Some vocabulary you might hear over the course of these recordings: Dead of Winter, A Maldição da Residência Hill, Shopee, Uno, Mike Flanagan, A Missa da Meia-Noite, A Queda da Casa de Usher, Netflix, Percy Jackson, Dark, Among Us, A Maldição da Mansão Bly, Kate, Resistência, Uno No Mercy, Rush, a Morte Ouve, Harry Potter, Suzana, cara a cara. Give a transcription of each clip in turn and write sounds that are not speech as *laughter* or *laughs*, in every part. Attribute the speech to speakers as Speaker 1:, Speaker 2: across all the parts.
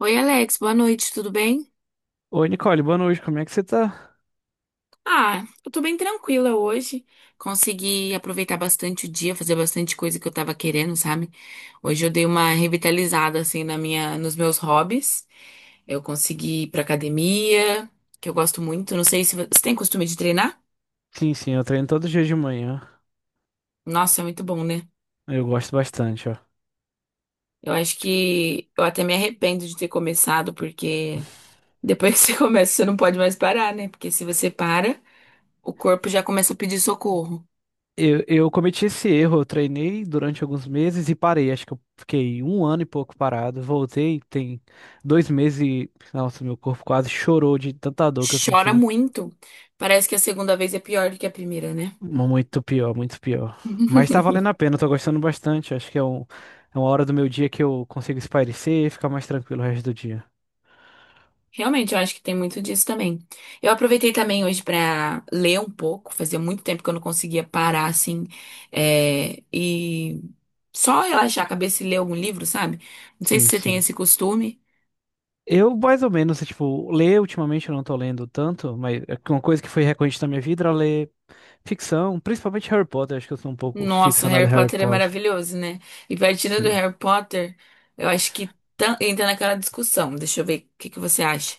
Speaker 1: Oi, Alex, boa noite, tudo bem?
Speaker 2: Oi, Nicole, boa noite, como é que você tá?
Speaker 1: Ah, eu tô bem tranquila hoje. Consegui aproveitar bastante o dia, fazer bastante coisa que eu tava querendo, sabe? Hoje eu dei uma revitalizada assim nos meus hobbies. Eu consegui ir pra academia, que eu gosto muito. Não sei se você tem costume de treinar?
Speaker 2: Sim, sim, eu treino todo dia de manhã.
Speaker 1: Nossa, é muito bom, né?
Speaker 2: Eu gosto bastante, ó.
Speaker 1: Eu acho que eu até me arrependo de ter começado, porque depois que *laughs* você começa, você não pode mais parar, né? Porque se você para, o corpo já começa a pedir socorro.
Speaker 2: Eu cometi esse erro, eu treinei durante alguns meses e parei. Acho que eu fiquei um ano e pouco parado. Voltei, tem 2 meses e. Nossa, meu corpo quase chorou de tanta dor que eu
Speaker 1: Chora
Speaker 2: senti.
Speaker 1: muito. Parece que a segunda vez é pior do que a primeira, né?
Speaker 2: Muito pior, muito pior. Mas tá
Speaker 1: *laughs*
Speaker 2: valendo a pena, eu tô gostando bastante. Acho que é uma hora do meu dia que eu consigo espairecer e ficar mais tranquilo o resto do dia.
Speaker 1: Realmente, eu acho que tem muito disso também. Eu aproveitei também hoje pra ler um pouco. Fazia muito tempo que eu não conseguia parar assim, e só relaxar a cabeça e ler algum livro, sabe? Não sei se
Speaker 2: Sim,
Speaker 1: você tem
Speaker 2: sim.
Speaker 1: esse costume.
Speaker 2: Eu, mais ou menos, tipo, ler ultimamente eu não tô lendo tanto, mas é uma coisa que foi recorrente na minha vida era ler. Ficção, principalmente Harry Potter, acho que eu sou um pouco
Speaker 1: Nossa,
Speaker 2: ficcionado
Speaker 1: Harry
Speaker 2: em Harry
Speaker 1: Potter é
Speaker 2: Potter.
Speaker 1: maravilhoso, né? E partindo do
Speaker 2: Sim.
Speaker 1: Harry Potter, eu acho que entra naquela discussão. Deixa eu ver o que que você acha.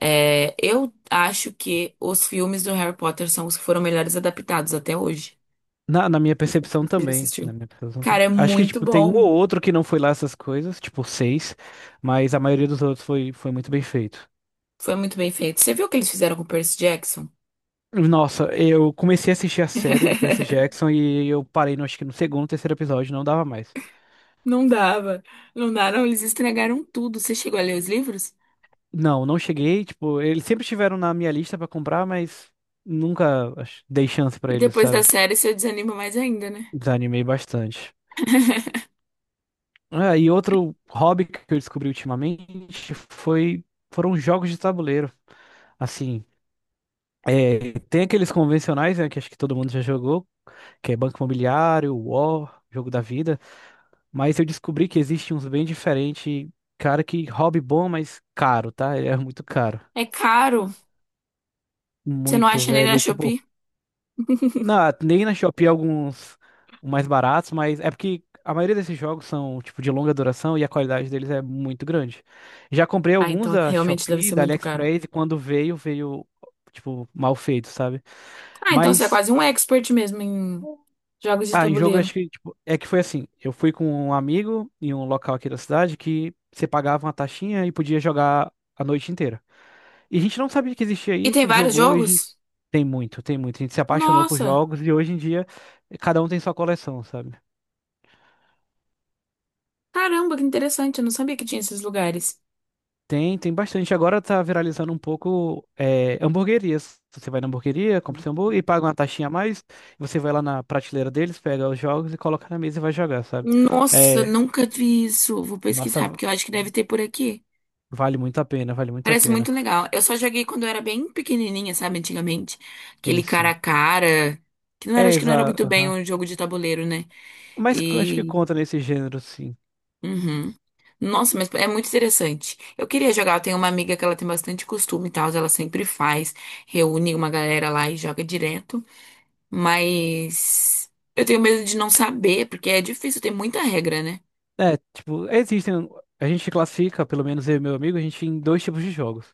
Speaker 1: É, eu acho que os filmes do Harry Potter são os que foram melhores adaptados até hoje.
Speaker 2: Na minha
Speaker 1: Não sei se
Speaker 2: percepção
Speaker 1: você já
Speaker 2: também. Na
Speaker 1: assistiu.
Speaker 2: minha percepção
Speaker 1: Cara,
Speaker 2: também.
Speaker 1: é
Speaker 2: Acho que,
Speaker 1: muito
Speaker 2: tipo, tem um ou
Speaker 1: bom.
Speaker 2: outro que não foi lá essas coisas, tipo, seis, mas a maioria dos outros foi muito bem feito.
Speaker 1: Foi muito bem feito. Você viu o que eles fizeram com o Percy Jackson?
Speaker 2: Nossa, eu comecei a assistir a série do Percy
Speaker 1: *laughs*
Speaker 2: Jackson e eu parei, acho que no segundo, terceiro episódio, não dava mais.
Speaker 1: Não dava. Não daram, eles estragaram tudo. Você chegou a ler os livros?
Speaker 2: Não, não cheguei, tipo, eles sempre estiveram na minha lista pra comprar, mas nunca dei chance
Speaker 1: E
Speaker 2: pra eles,
Speaker 1: depois da
Speaker 2: sabe?
Speaker 1: série, você desanima mais ainda, né?
Speaker 2: Desanimei bastante.
Speaker 1: *laughs*
Speaker 2: E outro hobby que eu descobri ultimamente foi foram jogos de tabuleiro. Assim, tem aqueles convencionais, né, que acho que todo mundo já jogou, que é Banco Imobiliário, War, Jogo da Vida, mas eu descobri que existe uns bem diferentes, cara, que hobby bom, mas caro, tá? É muito caro.
Speaker 1: É caro. Você não
Speaker 2: Muito,
Speaker 1: acha nem na
Speaker 2: velho. Tipo,
Speaker 1: Shopee? *laughs*
Speaker 2: Nem na Shopee é alguns mais baratos, mas é porque a maioria desses jogos são tipo de longa duração e a qualidade deles é muito grande. Já comprei
Speaker 1: Ah,
Speaker 2: alguns
Speaker 1: então
Speaker 2: da
Speaker 1: realmente deve
Speaker 2: Shopee,
Speaker 1: ser
Speaker 2: da
Speaker 1: muito caro.
Speaker 2: AliExpress e quando veio tipo mal feito, sabe?
Speaker 1: Ah, então você é
Speaker 2: Mas
Speaker 1: quase um expert mesmo em jogos de
Speaker 2: em jogo eu
Speaker 1: tabuleiro.
Speaker 2: acho que tipo, é que foi assim, eu fui com um amigo em um local aqui da cidade que você pagava uma taxinha e podia jogar a noite inteira. E a gente não sabia que existia
Speaker 1: E tem
Speaker 2: isso,
Speaker 1: vários
Speaker 2: jogou e a gente
Speaker 1: jogos?
Speaker 2: tem muito, tem muito. A gente se apaixonou por
Speaker 1: Nossa,
Speaker 2: jogos e hoje em dia cada um tem sua coleção, sabe?
Speaker 1: caramba, que interessante. Eu não sabia que tinha esses lugares.
Speaker 2: Tem, tem bastante. Agora tá viralizando um pouco hamburguerias. Você vai na hamburgueria, compra seu hambúrguer e paga uma taxinha a mais. Você vai lá na prateleira deles, pega os jogos e coloca na mesa e vai jogar, sabe?
Speaker 1: Nossa,
Speaker 2: É,
Speaker 1: nunca vi isso. Vou pesquisar,
Speaker 2: nossa,
Speaker 1: porque eu acho que deve ter por aqui.
Speaker 2: vale muito a pena, vale muito a
Speaker 1: Parece
Speaker 2: pena.
Speaker 1: muito legal. Eu só joguei quando eu era bem pequenininha, sabe, antigamente. Aquele
Speaker 2: Sim,
Speaker 1: cara
Speaker 2: sim.
Speaker 1: a cara, que não era,
Speaker 2: É,
Speaker 1: acho que não era muito
Speaker 2: exato.
Speaker 1: bem um jogo de tabuleiro, né?
Speaker 2: Acho que
Speaker 1: E
Speaker 2: conta nesse gênero, sim.
Speaker 1: uhum. Nossa, mas é muito interessante. Eu queria jogar. Eu tenho uma amiga que ela tem bastante costume e tal. Ela sempre faz, reúne uma galera lá e joga direto. Mas eu tenho medo de não saber, porque é difícil, tem muita regra, né?
Speaker 2: É, tipo, existem. A gente classifica, pelo menos eu e meu amigo, a gente em dois tipos de jogos.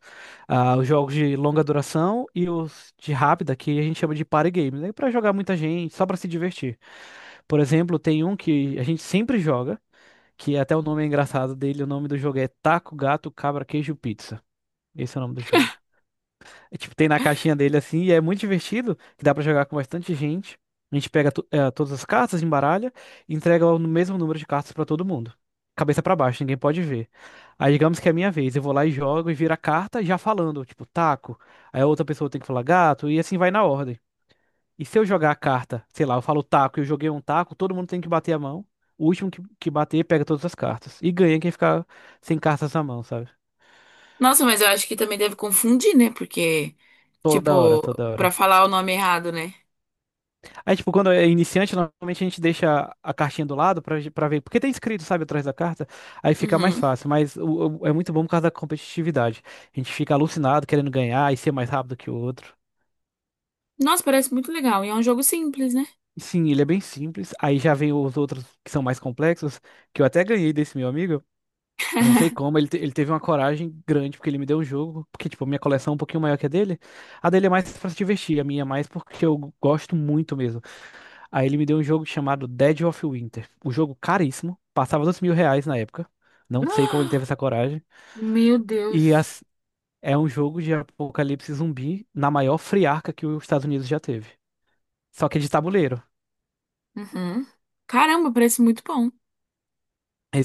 Speaker 2: Ah, os jogos de longa duração e os de rápida, que a gente chama de party games, né? Pra jogar muita gente, só pra se divertir. Por exemplo, tem um que a gente sempre joga, que até o nome é engraçado dele, o nome do jogo é Taco, Gato, Cabra, Queijo, Pizza. Esse é o nome do jogo. É, tipo, tem na caixinha dele assim, e é muito divertido, que dá pra jogar com bastante gente. A gente pega todas as cartas, embaralha e entrega o mesmo número de cartas pra todo mundo. Cabeça pra baixo, ninguém pode ver. Aí digamos que é minha vez, eu vou lá e jogo e viro a carta já falando, tipo, taco. Aí a outra pessoa tem que falar gato e assim vai na ordem. E se eu jogar a carta, sei lá, eu falo taco e eu joguei um taco, todo mundo tem que bater a mão. O último que bater pega todas as cartas. E ganha quem ficar sem cartas na mão, sabe?
Speaker 1: Nossa, mas eu acho que também deve confundir, né? Porque,
Speaker 2: Toda hora,
Speaker 1: tipo,
Speaker 2: toda
Speaker 1: pra
Speaker 2: hora.
Speaker 1: falar o nome errado, né?
Speaker 2: Aí, tipo, quando é iniciante, normalmente a gente deixa a cartinha do lado pra, pra ver. Porque tem escrito, sabe, atrás da carta. Aí fica mais
Speaker 1: Uhum.
Speaker 2: fácil. Mas é muito bom por causa da competitividade. A gente fica alucinado querendo ganhar e ser mais rápido que o outro.
Speaker 1: Nossa, parece muito legal. E é um jogo simples, né?
Speaker 2: Sim, ele é bem simples. Aí já vem os outros que são mais complexos, que eu até ganhei desse meu amigo. Eu não sei como, ele teve uma coragem grande, porque ele me deu um jogo. Porque, tipo, a minha coleção é um pouquinho maior que a dele. A dele é mais pra se divertir, a minha é mais porque eu gosto muito mesmo. Aí ele me deu um jogo chamado Dead of Winter. O jogo caríssimo. Passava 2 mil reais na época.
Speaker 1: *gasps*
Speaker 2: Não sei como ele teve
Speaker 1: Ah,
Speaker 2: essa coragem.
Speaker 1: meu
Speaker 2: E
Speaker 1: Deus.
Speaker 2: as- É um jogo de apocalipse zumbi na maior friarca que os Estados Unidos já teve. Só que é de tabuleiro.
Speaker 1: Uhum. Caramba, parece muito bom.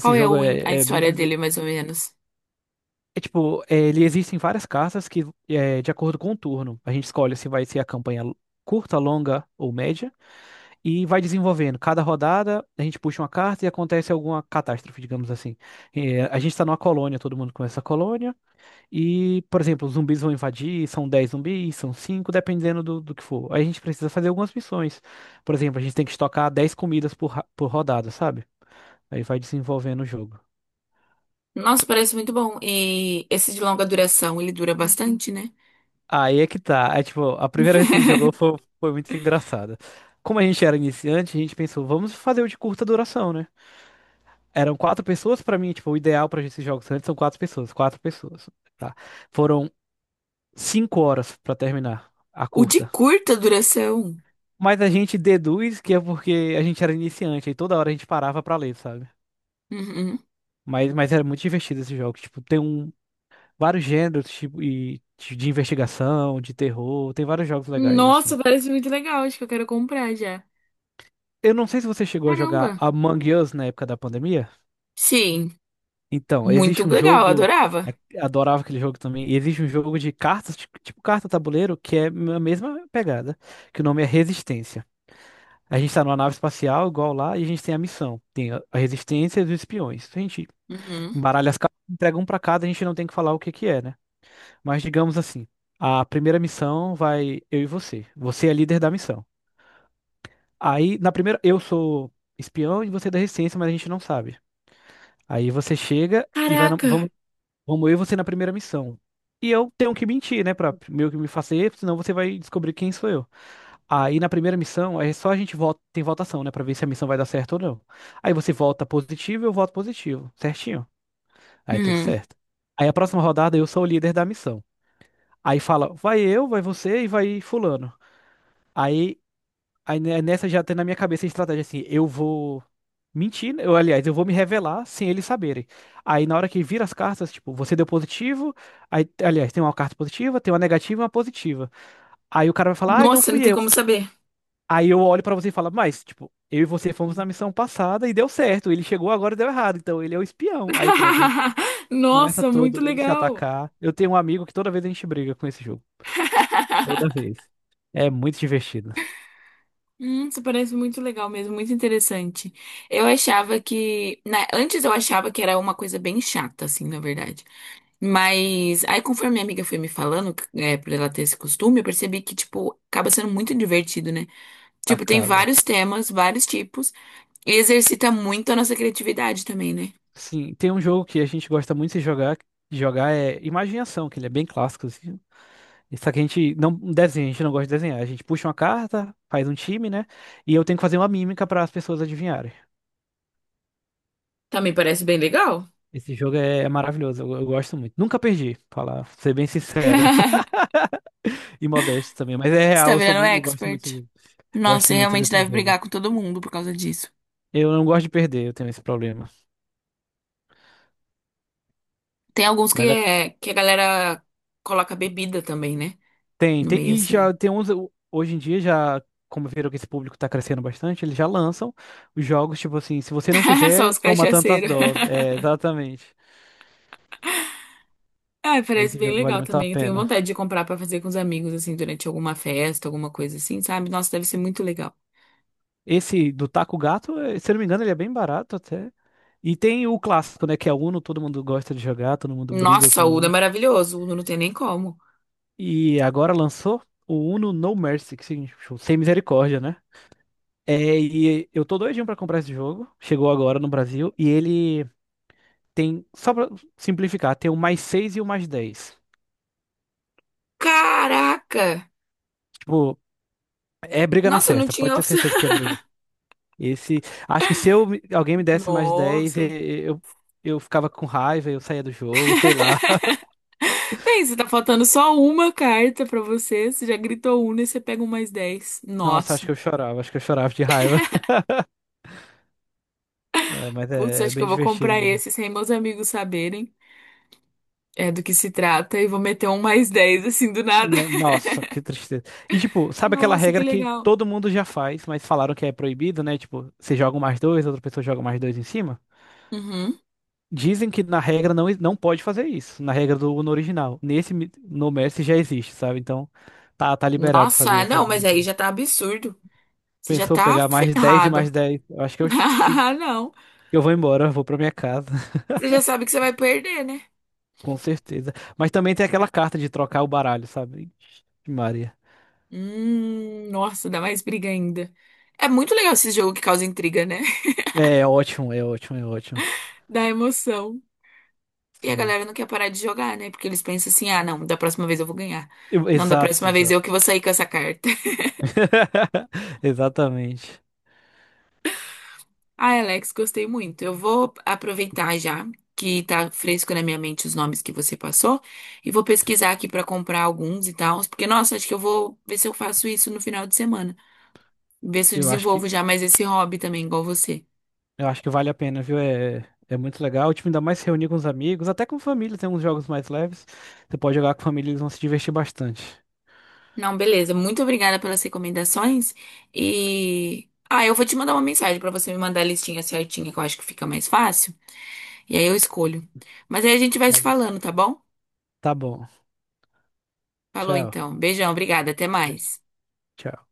Speaker 1: Qual é
Speaker 2: jogo
Speaker 1: o a
Speaker 2: é bem.
Speaker 1: história dele, mais ou menos?
Speaker 2: É tipo, ele existem várias cartas que, de acordo com o turno, a gente escolhe se vai ser a campanha curta, longa ou média. E vai desenvolvendo. Cada rodada a gente puxa uma carta e acontece alguma catástrofe, digamos assim. É, a gente está numa colônia, todo mundo começa a colônia. E, por exemplo, os zumbis vão invadir, são 10 zumbis, são 5, dependendo do, do que for. Aí a gente precisa fazer algumas missões. Por exemplo, a gente tem que estocar 10 comidas por rodada, sabe? Aí vai desenvolvendo o jogo.
Speaker 1: Nossa, parece muito bom. E esse de longa duração, ele dura bastante, né?
Speaker 2: Aí é que tá. É tipo, a primeira vez que a gente jogou
Speaker 1: *laughs*
Speaker 2: foi muito engraçada. Como a gente era iniciante, a gente pensou, vamos fazer o de curta duração, né? Eram quatro pessoas pra mim, tipo, o ideal pra esses jogos antes são quatro pessoas, tá? Foram 5 horas pra terminar a
Speaker 1: O de
Speaker 2: curta.
Speaker 1: curta duração.
Speaker 2: Mas a gente deduz que é porque a gente era iniciante e toda hora a gente parava pra ler, sabe?
Speaker 1: Uhum.
Speaker 2: Mas, era muito divertido esse jogo. Tipo, tem um, vários gêneros, tipo, e, de investigação, de terror, tem vários jogos legais, assim.
Speaker 1: Nossa, parece muito legal. Acho que eu quero comprar já.
Speaker 2: Eu não sei se você chegou a jogar
Speaker 1: Caramba.
Speaker 2: Among Us na época da pandemia.
Speaker 1: Sim,
Speaker 2: Então,
Speaker 1: muito
Speaker 2: existe um
Speaker 1: legal.
Speaker 2: jogo.
Speaker 1: Adorava.
Speaker 2: Adorava aquele jogo também. E existe um jogo de cartas, tipo carta tabuleiro, que é a mesma pegada, que o nome é Resistência. A gente tá numa nave espacial, igual lá, e a gente tem a missão. Tem a Resistência e os espiões. Então, a gente
Speaker 1: Uhum.
Speaker 2: embaralha as cartas, entrega um pra cada, a gente não tem que falar o que que é, né? Mas digamos assim, a primeira missão vai eu e você. Você é líder da missão. Aí, na primeira, eu sou espião e você é da resistência, mas a gente não sabe. Aí você chega e vai,
Speaker 1: Caraca.
Speaker 2: vamos, vamos eu e você na primeira missão. E eu tenho que mentir, né, pra meio que me fazer, senão você vai descobrir quem sou eu. Aí na primeira missão, é só a gente vota, tem votação, né, pra ver se a missão vai dar certo ou não. Aí você vota positivo, eu voto positivo, certinho. Aí tudo
Speaker 1: Uhum.
Speaker 2: certo. Aí a próxima rodada eu sou o líder da missão. Aí fala, vai eu, vai você e vai fulano. Aí, aí, nessa já tem na minha cabeça a estratégia assim, eu vou mentir, né, eu, aliás, eu vou me revelar sem eles saberem. Aí na hora que vira as cartas, tipo, você deu positivo, aí, aliás, tem uma carta positiva, tem uma negativa e uma positiva. Aí o cara vai falar, ah, não
Speaker 1: Nossa, não
Speaker 2: fui
Speaker 1: tem
Speaker 2: eu.
Speaker 1: como saber.
Speaker 2: Aí eu olho pra você e falo, mas, tipo, eu e você fomos na missão passada e deu certo. Ele chegou agora e deu errado, então ele é o espião. Aí pronto, a gente
Speaker 1: *laughs*
Speaker 2: começa
Speaker 1: Nossa, muito
Speaker 2: todo mundo se
Speaker 1: legal.
Speaker 2: atacar. Eu tenho um amigo que toda vez a gente briga com esse jogo. Toda
Speaker 1: *laughs*
Speaker 2: vez. É muito divertido.
Speaker 1: Isso parece muito legal mesmo, muito interessante. Eu achava que, né, antes eu achava que era uma coisa bem chata, assim, na verdade. Mas aí, conforme minha amiga foi me falando, é, por ela ter esse costume, eu percebi que, tipo, acaba sendo muito divertido, né? Tipo, tem
Speaker 2: Acaba.
Speaker 1: vários temas, vários tipos, e exercita muito a nossa criatividade também, né?
Speaker 2: Sim, tem um jogo que a gente gosta muito de jogar. De jogar é Imaginação, que ele é bem clássico, assim. Só que a gente não desenha, a gente não gosta de desenhar. A gente puxa uma carta, faz um time, né? E eu tenho que fazer uma mímica para as pessoas adivinharem.
Speaker 1: *laughs* Também parece bem legal.
Speaker 2: Esse jogo é, é maravilhoso, eu gosto muito. Nunca perdi, pra falar, ser bem sincero. *laughs*
Speaker 1: *laughs*
Speaker 2: E modesto também, mas é
Speaker 1: Você
Speaker 2: real,
Speaker 1: tá
Speaker 2: eu sou,
Speaker 1: virando
Speaker 2: mu- eu gosto muito desse
Speaker 1: expert.
Speaker 2: jogo.
Speaker 1: Nossa,
Speaker 2: Gosto
Speaker 1: você
Speaker 2: muito
Speaker 1: realmente
Speaker 2: desse
Speaker 1: deve
Speaker 2: jogo.
Speaker 1: brigar com todo mundo por causa disso.
Speaker 2: Eu não gosto de perder, eu tenho esse problema.
Speaker 1: Tem alguns que,
Speaker 2: Mas é-
Speaker 1: é, que a galera coloca bebida também, né?
Speaker 2: Tem,
Speaker 1: No
Speaker 2: tem.
Speaker 1: meio,
Speaker 2: E já
Speaker 1: assim.
Speaker 2: tem uns. Hoje em dia, já, como viram que esse público tá crescendo bastante, eles já lançam os jogos, tipo assim, se você não
Speaker 1: *laughs* Só
Speaker 2: fizer,
Speaker 1: os
Speaker 2: toma tantas
Speaker 1: cachaceiros.
Speaker 2: doses. É, exatamente.
Speaker 1: Ah, parece
Speaker 2: Esse
Speaker 1: bem
Speaker 2: jogo vale
Speaker 1: legal
Speaker 2: muito a
Speaker 1: também. Eu tenho
Speaker 2: pena.
Speaker 1: vontade de comprar pra fazer com os amigos, assim, durante alguma festa, alguma coisa assim, sabe? Nossa, deve ser muito legal.
Speaker 2: Esse do Taco Gato, eh, se eu não me engano, ele é bem barato até. E tem o clássico, né? Que é o Uno, todo mundo gosta de jogar, todo mundo briga
Speaker 1: Nossa,
Speaker 2: com
Speaker 1: o
Speaker 2: o
Speaker 1: Uno é
Speaker 2: Uno.
Speaker 1: maravilhoso. O Uno não tem nem como.
Speaker 2: E agora lançou o Uno No Mercy, que significa tipo, sem misericórdia, né? É, e eu tô doidinho pra comprar esse jogo. Chegou agora no Brasil. E ele tem, só pra simplificar, tem o mais 6 e o mais dez.
Speaker 1: Caraca!
Speaker 2: Tipo, é briga na
Speaker 1: Nossa, eu não
Speaker 2: certa. Pode
Speaker 1: tinha
Speaker 2: ter
Speaker 1: opção.
Speaker 2: certeza que é briga. Esse, acho que se eu, alguém me
Speaker 1: *laughs*
Speaker 2: desse mais 10
Speaker 1: Nossa.
Speaker 2: eu ficava com raiva, eu saía do jogo, sei lá. *laughs*
Speaker 1: Tem, você tá faltando só uma carta pra você. Você já gritou Uno e você pega um +10.
Speaker 2: Nossa, acho
Speaker 1: Nossa.
Speaker 2: que eu chorava, acho que eu chorava de raiva. *laughs* É, mas
Speaker 1: Putz,
Speaker 2: é
Speaker 1: acho que
Speaker 2: bem
Speaker 1: eu vou
Speaker 2: divertido
Speaker 1: comprar
Speaker 2: mesmo.
Speaker 1: esse sem meus amigos saberem é, do que se trata e vou meter um +10 assim, do nada.
Speaker 2: Né,
Speaker 1: *laughs*
Speaker 2: nossa, que tristeza. E tipo, sabe aquela
Speaker 1: Nossa, que
Speaker 2: regra que
Speaker 1: legal.
Speaker 2: todo mundo já faz, mas falaram que é proibido, né? Tipo, você joga um mais dois, outra pessoa joga mais dois em cima?
Speaker 1: Uhum.
Speaker 2: Dizem que na regra não, não pode fazer isso, na regra do no original. No Messi já existe, sabe? Então tá, tá liberado fazer
Speaker 1: Nossa,
Speaker 2: essa
Speaker 1: não, mas aí
Speaker 2: brincadeira.
Speaker 1: já tá absurdo. Você já
Speaker 2: Pensou
Speaker 1: tá
Speaker 2: pegar mais 10 e
Speaker 1: ferrado.
Speaker 2: mais dez. Eu acho que eu,
Speaker 1: *laughs*
Speaker 2: ch- que
Speaker 1: Ah, não.
Speaker 2: eu vou embora, eu vou pra minha casa, *laughs*
Speaker 1: Você já sabe que você vai perder, né?
Speaker 2: com certeza. Mas também tem aquela carta de trocar o baralho, sabe? Ixi, Maria.
Speaker 1: Nossa, dá mais briga ainda. É muito legal esse jogo que causa intriga, né? *laughs*
Speaker 2: É ótimo, é ótimo, é ótimo.
Speaker 1: Dá emoção. E a
Speaker 2: Sim.
Speaker 1: galera não quer parar de jogar, né? Porque eles pensam assim: ah, não, da próxima vez eu vou ganhar. Não, da
Speaker 2: Exato,
Speaker 1: próxima vez eu que
Speaker 2: exato.
Speaker 1: vou sair com essa carta. *laughs*
Speaker 2: *laughs* Exatamente.
Speaker 1: Ah, Alex, gostei muito. Eu vou aproveitar já que tá fresco na minha mente os nomes que você passou e vou pesquisar aqui pra comprar alguns e tal, porque nossa, acho que eu vou ver se eu faço isso no final de semana. Ver se eu
Speaker 2: Eu acho que
Speaker 1: desenvolvo já mais esse hobby também, igual você.
Speaker 2: Eu acho que vale a pena, viu? É, é muito legal. O time ainda mais se reunir com os amigos, até com família, tem uns jogos mais leves. Você pode jogar com a família, eles vão se divertir bastante.
Speaker 1: Não, beleza. Muito obrigada pelas recomendações. E. Ah, eu vou te mandar uma mensagem pra você me mandar a listinha certinha, que eu acho que fica mais fácil. E aí eu escolho. Mas aí a gente vai se
Speaker 2: Tá bom.
Speaker 1: falando, tá bom?
Speaker 2: Tá bom.
Speaker 1: Falou
Speaker 2: Tchau.
Speaker 1: então. Beijão, obrigada. Até
Speaker 2: Beijo.
Speaker 1: mais.
Speaker 2: Tchau.